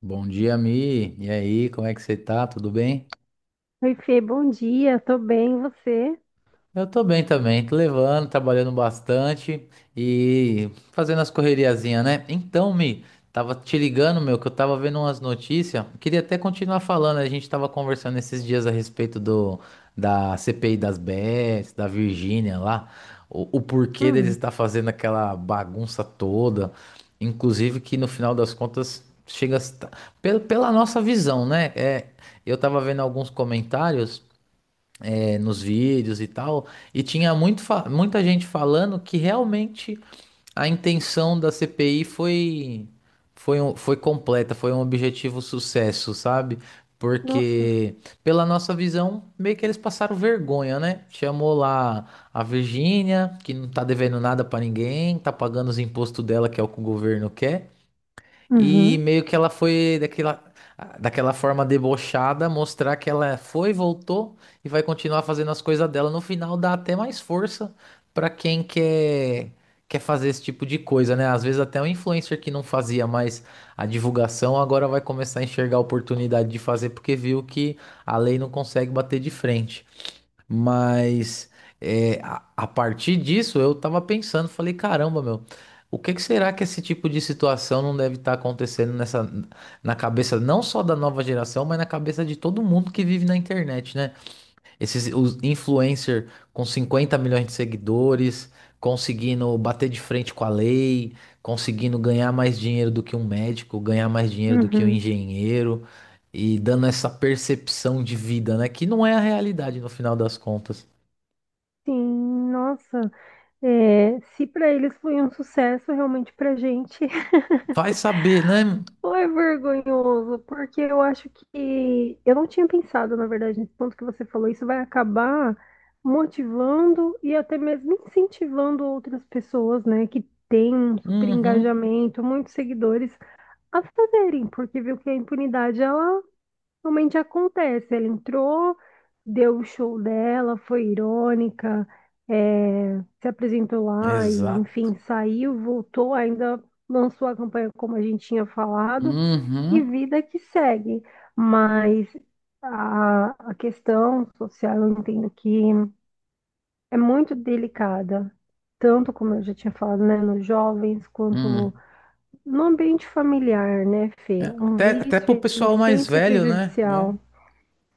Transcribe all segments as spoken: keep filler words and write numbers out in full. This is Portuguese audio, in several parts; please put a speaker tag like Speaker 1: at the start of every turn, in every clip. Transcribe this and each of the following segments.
Speaker 1: Bom dia, Mi. E aí, como é que você tá? Tudo bem?
Speaker 2: Oi, Fê, bom dia, tô bem, e você?
Speaker 1: Eu tô bem também, tô levando, trabalhando bastante e fazendo as correriazinhas, né? Então, Mi, tava te ligando, meu, que eu tava vendo umas notícias. Queria até continuar falando, a gente tava conversando esses dias a respeito do da C P I das Bets, da Virgínia lá, o, o porquê deles
Speaker 2: Hum,
Speaker 1: estar fazendo aquela bagunça toda, inclusive que no final das contas chega a, estar- pela, pela nossa visão, né? É, eu tava vendo alguns comentários é, nos vídeos e tal, e tinha muito fa- muita gente falando que realmente a intenção da C P I foi foi, um- foi completa, foi um objetivo sucesso, sabe?
Speaker 2: nossa.
Speaker 1: Porque, pela nossa visão, meio que eles passaram vergonha, né? Chamou lá a Virgínia, que não tá devendo nada pra ninguém, tá pagando os impostos dela, que é o que o governo quer, e
Speaker 2: Uhum,
Speaker 1: meio que ela foi daquela, daquela forma debochada, mostrar que ela foi, voltou e vai continuar fazendo as coisas dela. No final dá até mais força pra quem quer, quer fazer esse tipo de coisa, né? Às vezes até um influencer que não fazia mais a divulgação agora vai começar a enxergar a oportunidade de fazer porque viu que a lei não consegue bater de frente. Mas é, a, a partir disso eu tava pensando, falei, caramba, meu, o que que será que esse tipo de situação não deve estar acontecendo nessa, na cabeça não só da nova geração, mas na cabeça de todo mundo que vive na internet, né? Esses os influencer com cinquenta milhões de seguidores, conseguindo bater de frente com a lei, conseguindo ganhar mais dinheiro do que um médico, ganhar mais dinheiro do que um
Speaker 2: uhum.
Speaker 1: engenheiro e dando essa percepção de vida, né? Que não é a realidade no final das contas.
Speaker 2: Sim, nossa, é, se para eles foi um sucesso, realmente pra gente
Speaker 1: Vai saber, né?
Speaker 2: foi vergonhoso, porque eu acho que eu não tinha pensado, na verdade, nesse ponto que você falou, isso vai acabar motivando e até mesmo incentivando outras pessoas, né, que têm um super
Speaker 1: Uhum.
Speaker 2: engajamento, muitos seguidores, a fazerem, porque viu que a impunidade, ela realmente acontece. Ela entrou, deu o show dela, foi irônica, eh, se apresentou lá e, enfim,
Speaker 1: Exato.
Speaker 2: saiu, voltou, ainda lançou a campanha como a gente tinha falado, e
Speaker 1: Uhum.
Speaker 2: vida que segue. Mas a, a questão social, eu entendo que é muito delicada. Tanto como eu já tinha falado, né, nos jovens, quanto
Speaker 1: Hum.
Speaker 2: no ambiente familiar, né, Fê? Um
Speaker 1: Até, até pro
Speaker 2: vício, ele é
Speaker 1: pessoal mais
Speaker 2: sempre
Speaker 1: velho, né?
Speaker 2: prejudicial.
Speaker 1: É.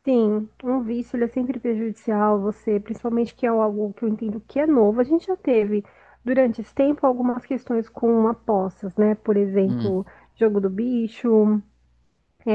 Speaker 2: Sim, um vício ele é sempre prejudicial a você, principalmente que é algo que eu entendo que é novo. A gente já teve durante esse tempo algumas questões com apostas, né? Por
Speaker 1: Hum.
Speaker 2: exemplo, jogo do bicho,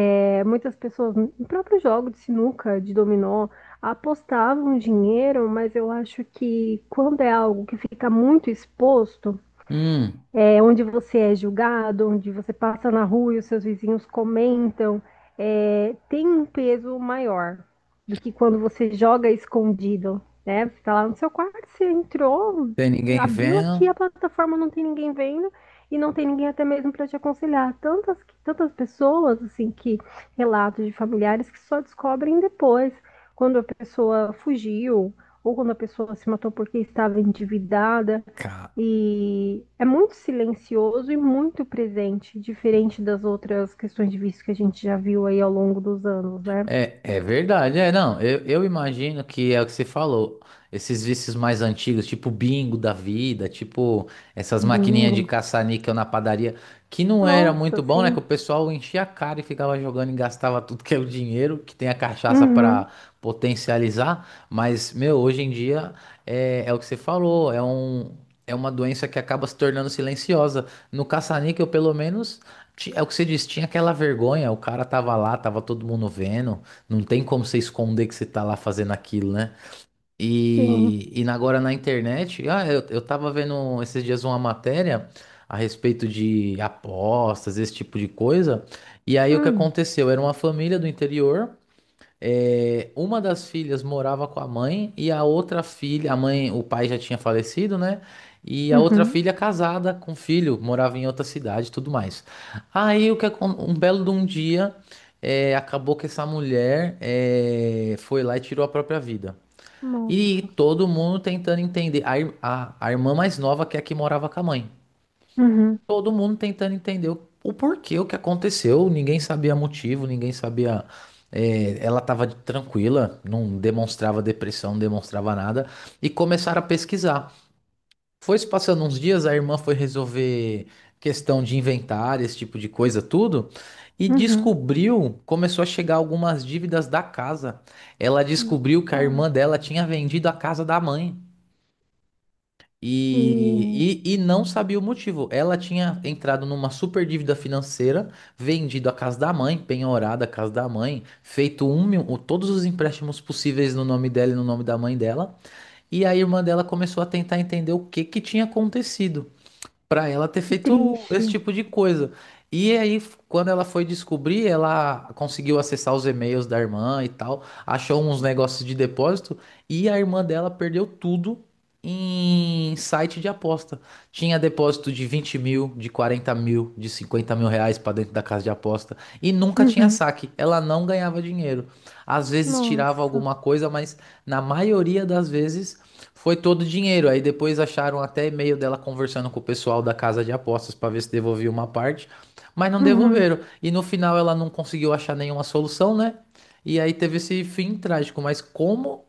Speaker 2: é, muitas pessoas, no próprio jogo de sinuca, de dominó, apostavam dinheiro, mas eu acho que quando é algo que fica muito exposto,
Speaker 1: Hum.
Speaker 2: é, onde você é julgado, onde você passa na rua e os seus vizinhos comentam, é, tem um peso maior do que quando você joga escondido, né? Você tá lá no seu quarto, você entrou,
Speaker 1: Tem ninguém
Speaker 2: abriu aqui
Speaker 1: vendo?
Speaker 2: a plataforma, não tem ninguém vendo e não tem ninguém até mesmo para te aconselhar. Tantas, tantas pessoas, assim, que relatos de familiares que só descobrem depois, quando a pessoa fugiu ou quando a pessoa se matou porque estava endividada.
Speaker 1: Cara.
Speaker 2: E é muito silencioso e muito presente, diferente das outras questões de vício que a gente já viu aí ao longo dos anos, né?
Speaker 1: É, é verdade, é, não, eu, eu imagino que é o que você falou, esses vícios mais antigos, tipo bingo da vida, tipo essas maquininhas de
Speaker 2: Bingo.
Speaker 1: caça-níquel na padaria, que não era
Speaker 2: Nossa,
Speaker 1: muito bom, né, que
Speaker 2: sim.
Speaker 1: o pessoal enchia a cara e ficava jogando e gastava tudo que é o dinheiro, que tem a cachaça
Speaker 2: Uhum,
Speaker 1: pra potencializar, mas, meu, hoje em dia é, é o que você falou, é um... É uma doença que acaba se tornando silenciosa. No caça-níquel, pelo menos, ti- é o que você disse, tinha aquela vergonha, o cara tava lá, tava todo mundo vendo, não tem como você esconder que você tá lá fazendo aquilo, né?
Speaker 2: sim.
Speaker 1: E, e agora na internet, ah, eu, eu tava vendo esses dias uma matéria a respeito de apostas, esse tipo de coisa. E aí o que
Speaker 2: Hum,
Speaker 1: aconteceu? Era uma família do interior é, uma das filhas morava com a mãe e a outra filha, a mãe, o pai já tinha falecido, né? E a outra
Speaker 2: uhum.
Speaker 1: filha casada com filho, morava em outra cidade, e tudo mais. Aí o que acon- um belo de um dia é, acabou que essa mulher é, foi lá e tirou a própria vida. E
Speaker 2: Nossa.
Speaker 1: todo mundo tentando entender. A, ir- a, a irmã mais nova que é a que morava com a mãe.
Speaker 2: Uhum,
Speaker 1: Todo mundo tentando entender o, o porquê, o que aconteceu. Ninguém sabia motivo, ninguém sabia. É, ela estava tranquila, não demonstrava depressão, não demonstrava nada. E começaram a pesquisar. Foi se passando uns dias, a irmã foi resolver questão de inventário, esse tipo de coisa, tudo. E
Speaker 2: uhum.
Speaker 1: descobriu, começou a chegar algumas dívidas da casa. Ela descobriu que a
Speaker 2: Nossa.
Speaker 1: irmã dela tinha vendido a casa da mãe.
Speaker 2: Que,
Speaker 1: E, e, e não sabia o motivo. Ela tinha entrado numa super dívida financeira, vendido a casa da mãe, penhorado a casa da mãe, feito um, mil- o- todos os empréstimos possíveis no nome dela e no nome da mãe dela. E a irmã dela começou a tentar entender o que que tinha acontecido pra ela ter
Speaker 2: que
Speaker 1: feito esse
Speaker 2: triste.
Speaker 1: tipo de coisa. E aí, f- quando ela foi descobrir, ela conseguiu acessar os e-mails da irmã e tal, achou uns negócios de depósito e a irmã dela perdeu tudo em site de aposta. Tinha depósito de vinte mil, de quarenta mil, de cinquenta mil reais pra dentro da casa de aposta e nunca tinha
Speaker 2: Uhum.
Speaker 1: saque. Ela não ganhava dinheiro. Às vezes tirava
Speaker 2: Nossa.
Speaker 1: alguma coisa, mas na maioria das vezes foi todo o dinheiro. Aí depois acharam até e-mail dela conversando com o pessoal da casa de apostas para ver se devolvia uma parte, mas não
Speaker 2: Uhum.
Speaker 1: devolveram. E no final ela não conseguiu achar nenhuma solução, né? E aí teve esse fim trágico. Mas como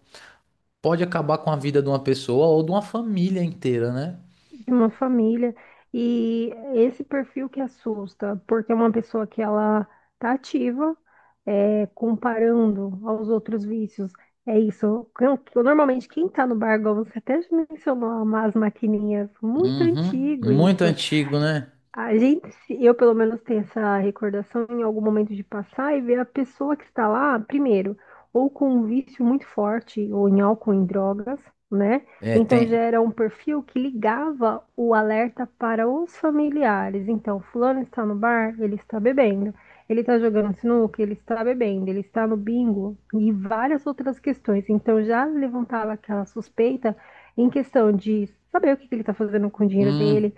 Speaker 1: pode acabar com a vida de uma pessoa ou de uma família inteira, né?
Speaker 2: De uma família. E esse perfil que assusta, porque é uma pessoa que ela tá ativa, é, comparando aos outros vícios. É isso. Eu- eu- Normalmente, quem tá no bar, igual você até mencionou, umas maquininhas, muito
Speaker 1: Uhum.
Speaker 2: antigo
Speaker 1: Muito
Speaker 2: isso.
Speaker 1: antigo, né?
Speaker 2: A gente, se- eu pelo menos tenho essa recordação em algum momento de passar e ver a pessoa que está lá, primeiro, ou com um vício muito forte, ou em álcool, em drogas, né?
Speaker 1: É,
Speaker 2: Então já
Speaker 1: tem.
Speaker 2: era um perfil que ligava o alerta para os familiares. Então, fulano está no bar, ele está bebendo. Ele está jogando sinuca, ele está bebendo, ele está no bingo e várias outras questões. Então já levantava aquela suspeita em questão de saber o que que ele está fazendo com o dinheiro dele
Speaker 1: Hum,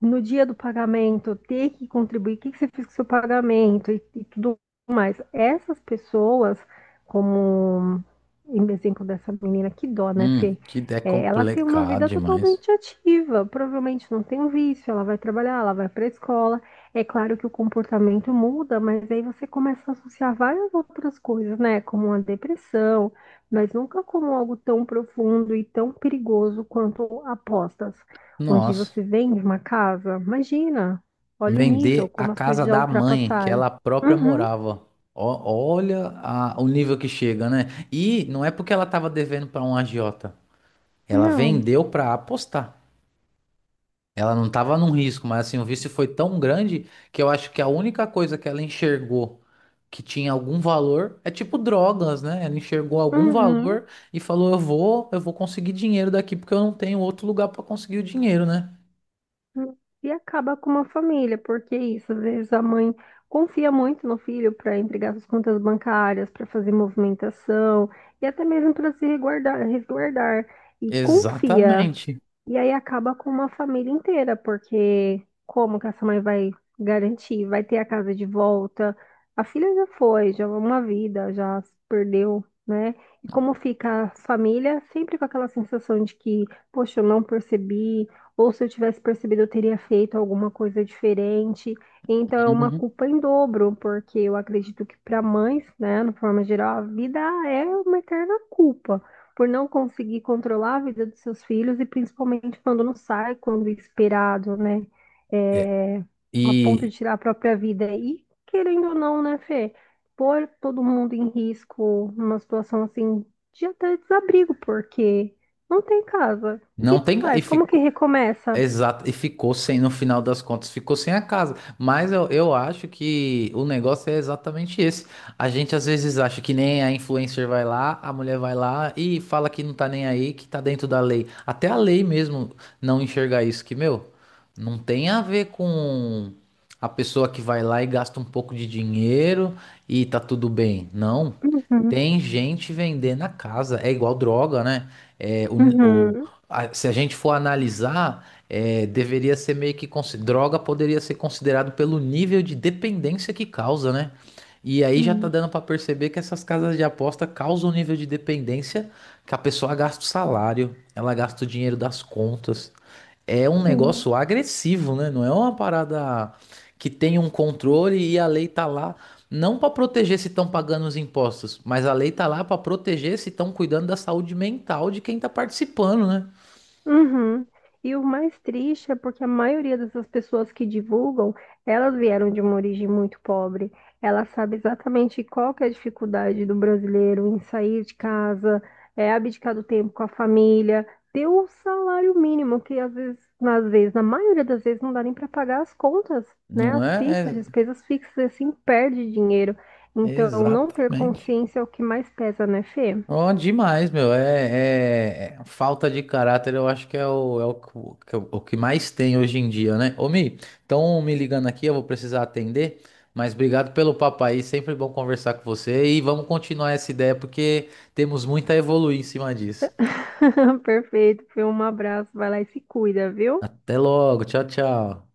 Speaker 2: no dia do pagamento ter que contribuir, o que, que você fez com o seu pagamento e, e tudo mais. Essas pessoas, como em exemplo dessa menina, que dó, né,
Speaker 1: hum,
Speaker 2: Fê?
Speaker 1: que ideia
Speaker 2: É, ela tem uma
Speaker 1: complicada
Speaker 2: vida
Speaker 1: demais.
Speaker 2: totalmente ativa, provavelmente não tem um vício, ela vai trabalhar, ela vai para a escola. É claro que o comportamento muda, mas aí você começa a associar várias outras coisas, né? Como a depressão, mas nunca como algo tão profundo e tão perigoso quanto apostas onde
Speaker 1: Nossa.
Speaker 2: você vende uma casa. Imagina, olha o
Speaker 1: Vender
Speaker 2: nível,
Speaker 1: a
Speaker 2: como as coisas
Speaker 1: casa
Speaker 2: já
Speaker 1: da mãe, que
Speaker 2: ultrapassaram.
Speaker 1: ela própria
Speaker 2: Uhum,
Speaker 1: morava. Ó- olha a- o nível que chega, né? E não é porque ela tava devendo para um agiota. Ela
Speaker 2: não,
Speaker 1: vendeu para apostar. Ela não tava num risco, mas assim, o vício foi tão grande que eu acho que a única coisa que ela enxergou que tinha algum valor é tipo drogas, né? Ela enxergou algum
Speaker 2: uhum.
Speaker 1: valor e falou: "Eu vou, eu vou conseguir dinheiro daqui porque eu não tenho outro lugar para conseguir o dinheiro, né?"
Speaker 2: Uhum. E acaba com uma família, porque é isso, às vezes a mãe confia muito no filho para entregar suas contas bancárias, para fazer movimentação e até mesmo para se resguardar, resguardar. E confia.
Speaker 1: Exatamente.
Speaker 2: E aí acaba com uma família inteira, porque como que essa mãe vai garantir? Vai ter a casa de volta? A filha já foi, já é uma vida, já se perdeu, né? E como fica a família sempre com aquela sensação de que, poxa, eu não percebi, ou se eu tivesse percebido, eu teria feito alguma coisa diferente. Então é uma
Speaker 1: Uhum.
Speaker 2: culpa em dobro, porque eu acredito que para mães, né, no forma geral, a vida é uma eterna culpa por não conseguir controlar a vida dos seus filhos e principalmente quando não sai quando é esperado, né?
Speaker 1: É.
Speaker 2: É, a ponto de
Speaker 1: E.
Speaker 2: tirar a própria vida. E querendo ou não, né, Fê? Pôr todo mundo em risco numa situação assim de até desabrigo, porque não tem casa. O que
Speaker 1: Não
Speaker 2: que
Speaker 1: tem. E
Speaker 2: faz?
Speaker 1: fi-
Speaker 2: Como que recomeça?
Speaker 1: Exato, e ficou sem, no final das contas, ficou sem a casa. Mas eu, eu acho que o negócio é exatamente esse. A gente às vezes acha que nem a influencer vai lá, a mulher vai lá e fala que não tá nem aí, que tá dentro da lei. Até a lei mesmo não enxergar isso, que, meu, não tem a ver com a pessoa que vai lá e gasta um pouco de dinheiro e tá tudo bem. Não.
Speaker 2: Uhum,
Speaker 1: Tem gente vendendo a casa. É igual droga, né? É, o, o-
Speaker 2: uhum.
Speaker 1: a- Se a gente for analisar é, deveria ser meio que consi- droga poderia ser considerado pelo nível de dependência que causa, né? E aí já tá
Speaker 2: Sim,
Speaker 1: dando pra perceber que essas casas de aposta causam um nível de dependência que a pessoa gasta o salário, ela gasta o dinheiro das contas. É um negócio
Speaker 2: sim.
Speaker 1: agressivo, né? Não é uma parada que tem um controle e a lei tá lá não pra proteger se estão pagando os impostos, mas a lei tá lá pra proteger se estão cuidando da saúde mental de quem tá participando, né?
Speaker 2: Uhum. E o mais triste é porque a maioria dessas pessoas que divulgam, elas vieram de uma origem muito pobre. Ela sabe exatamente qual que é a dificuldade do brasileiro em sair de casa, é, abdicar do tempo com a família, ter o salário mínimo, que às vezes, às vezes, na maioria das vezes, não dá nem para pagar as contas, né?
Speaker 1: Não
Speaker 2: As
Speaker 1: é,
Speaker 2: fixas, as
Speaker 1: é.
Speaker 2: despesas fixas, e assim, perde dinheiro. Então, não ter
Speaker 1: Exatamente.
Speaker 2: consciência é o que mais pesa, né, Fê?
Speaker 1: Oh, demais, meu. É, é- é- falta de caráter, eu acho que é o, é o, que o que o que mais tem hoje em dia, né? Ô, Mi, estão me ligando aqui, eu vou precisar atender, mas obrigado pelo papo aí, sempre bom conversar com você e vamos continuar essa ideia porque temos muito a evoluir em cima disso.
Speaker 2: Perfeito, Fê. Um abraço, vai lá e se cuida, viu?
Speaker 1: Até logo, tchau, tchau.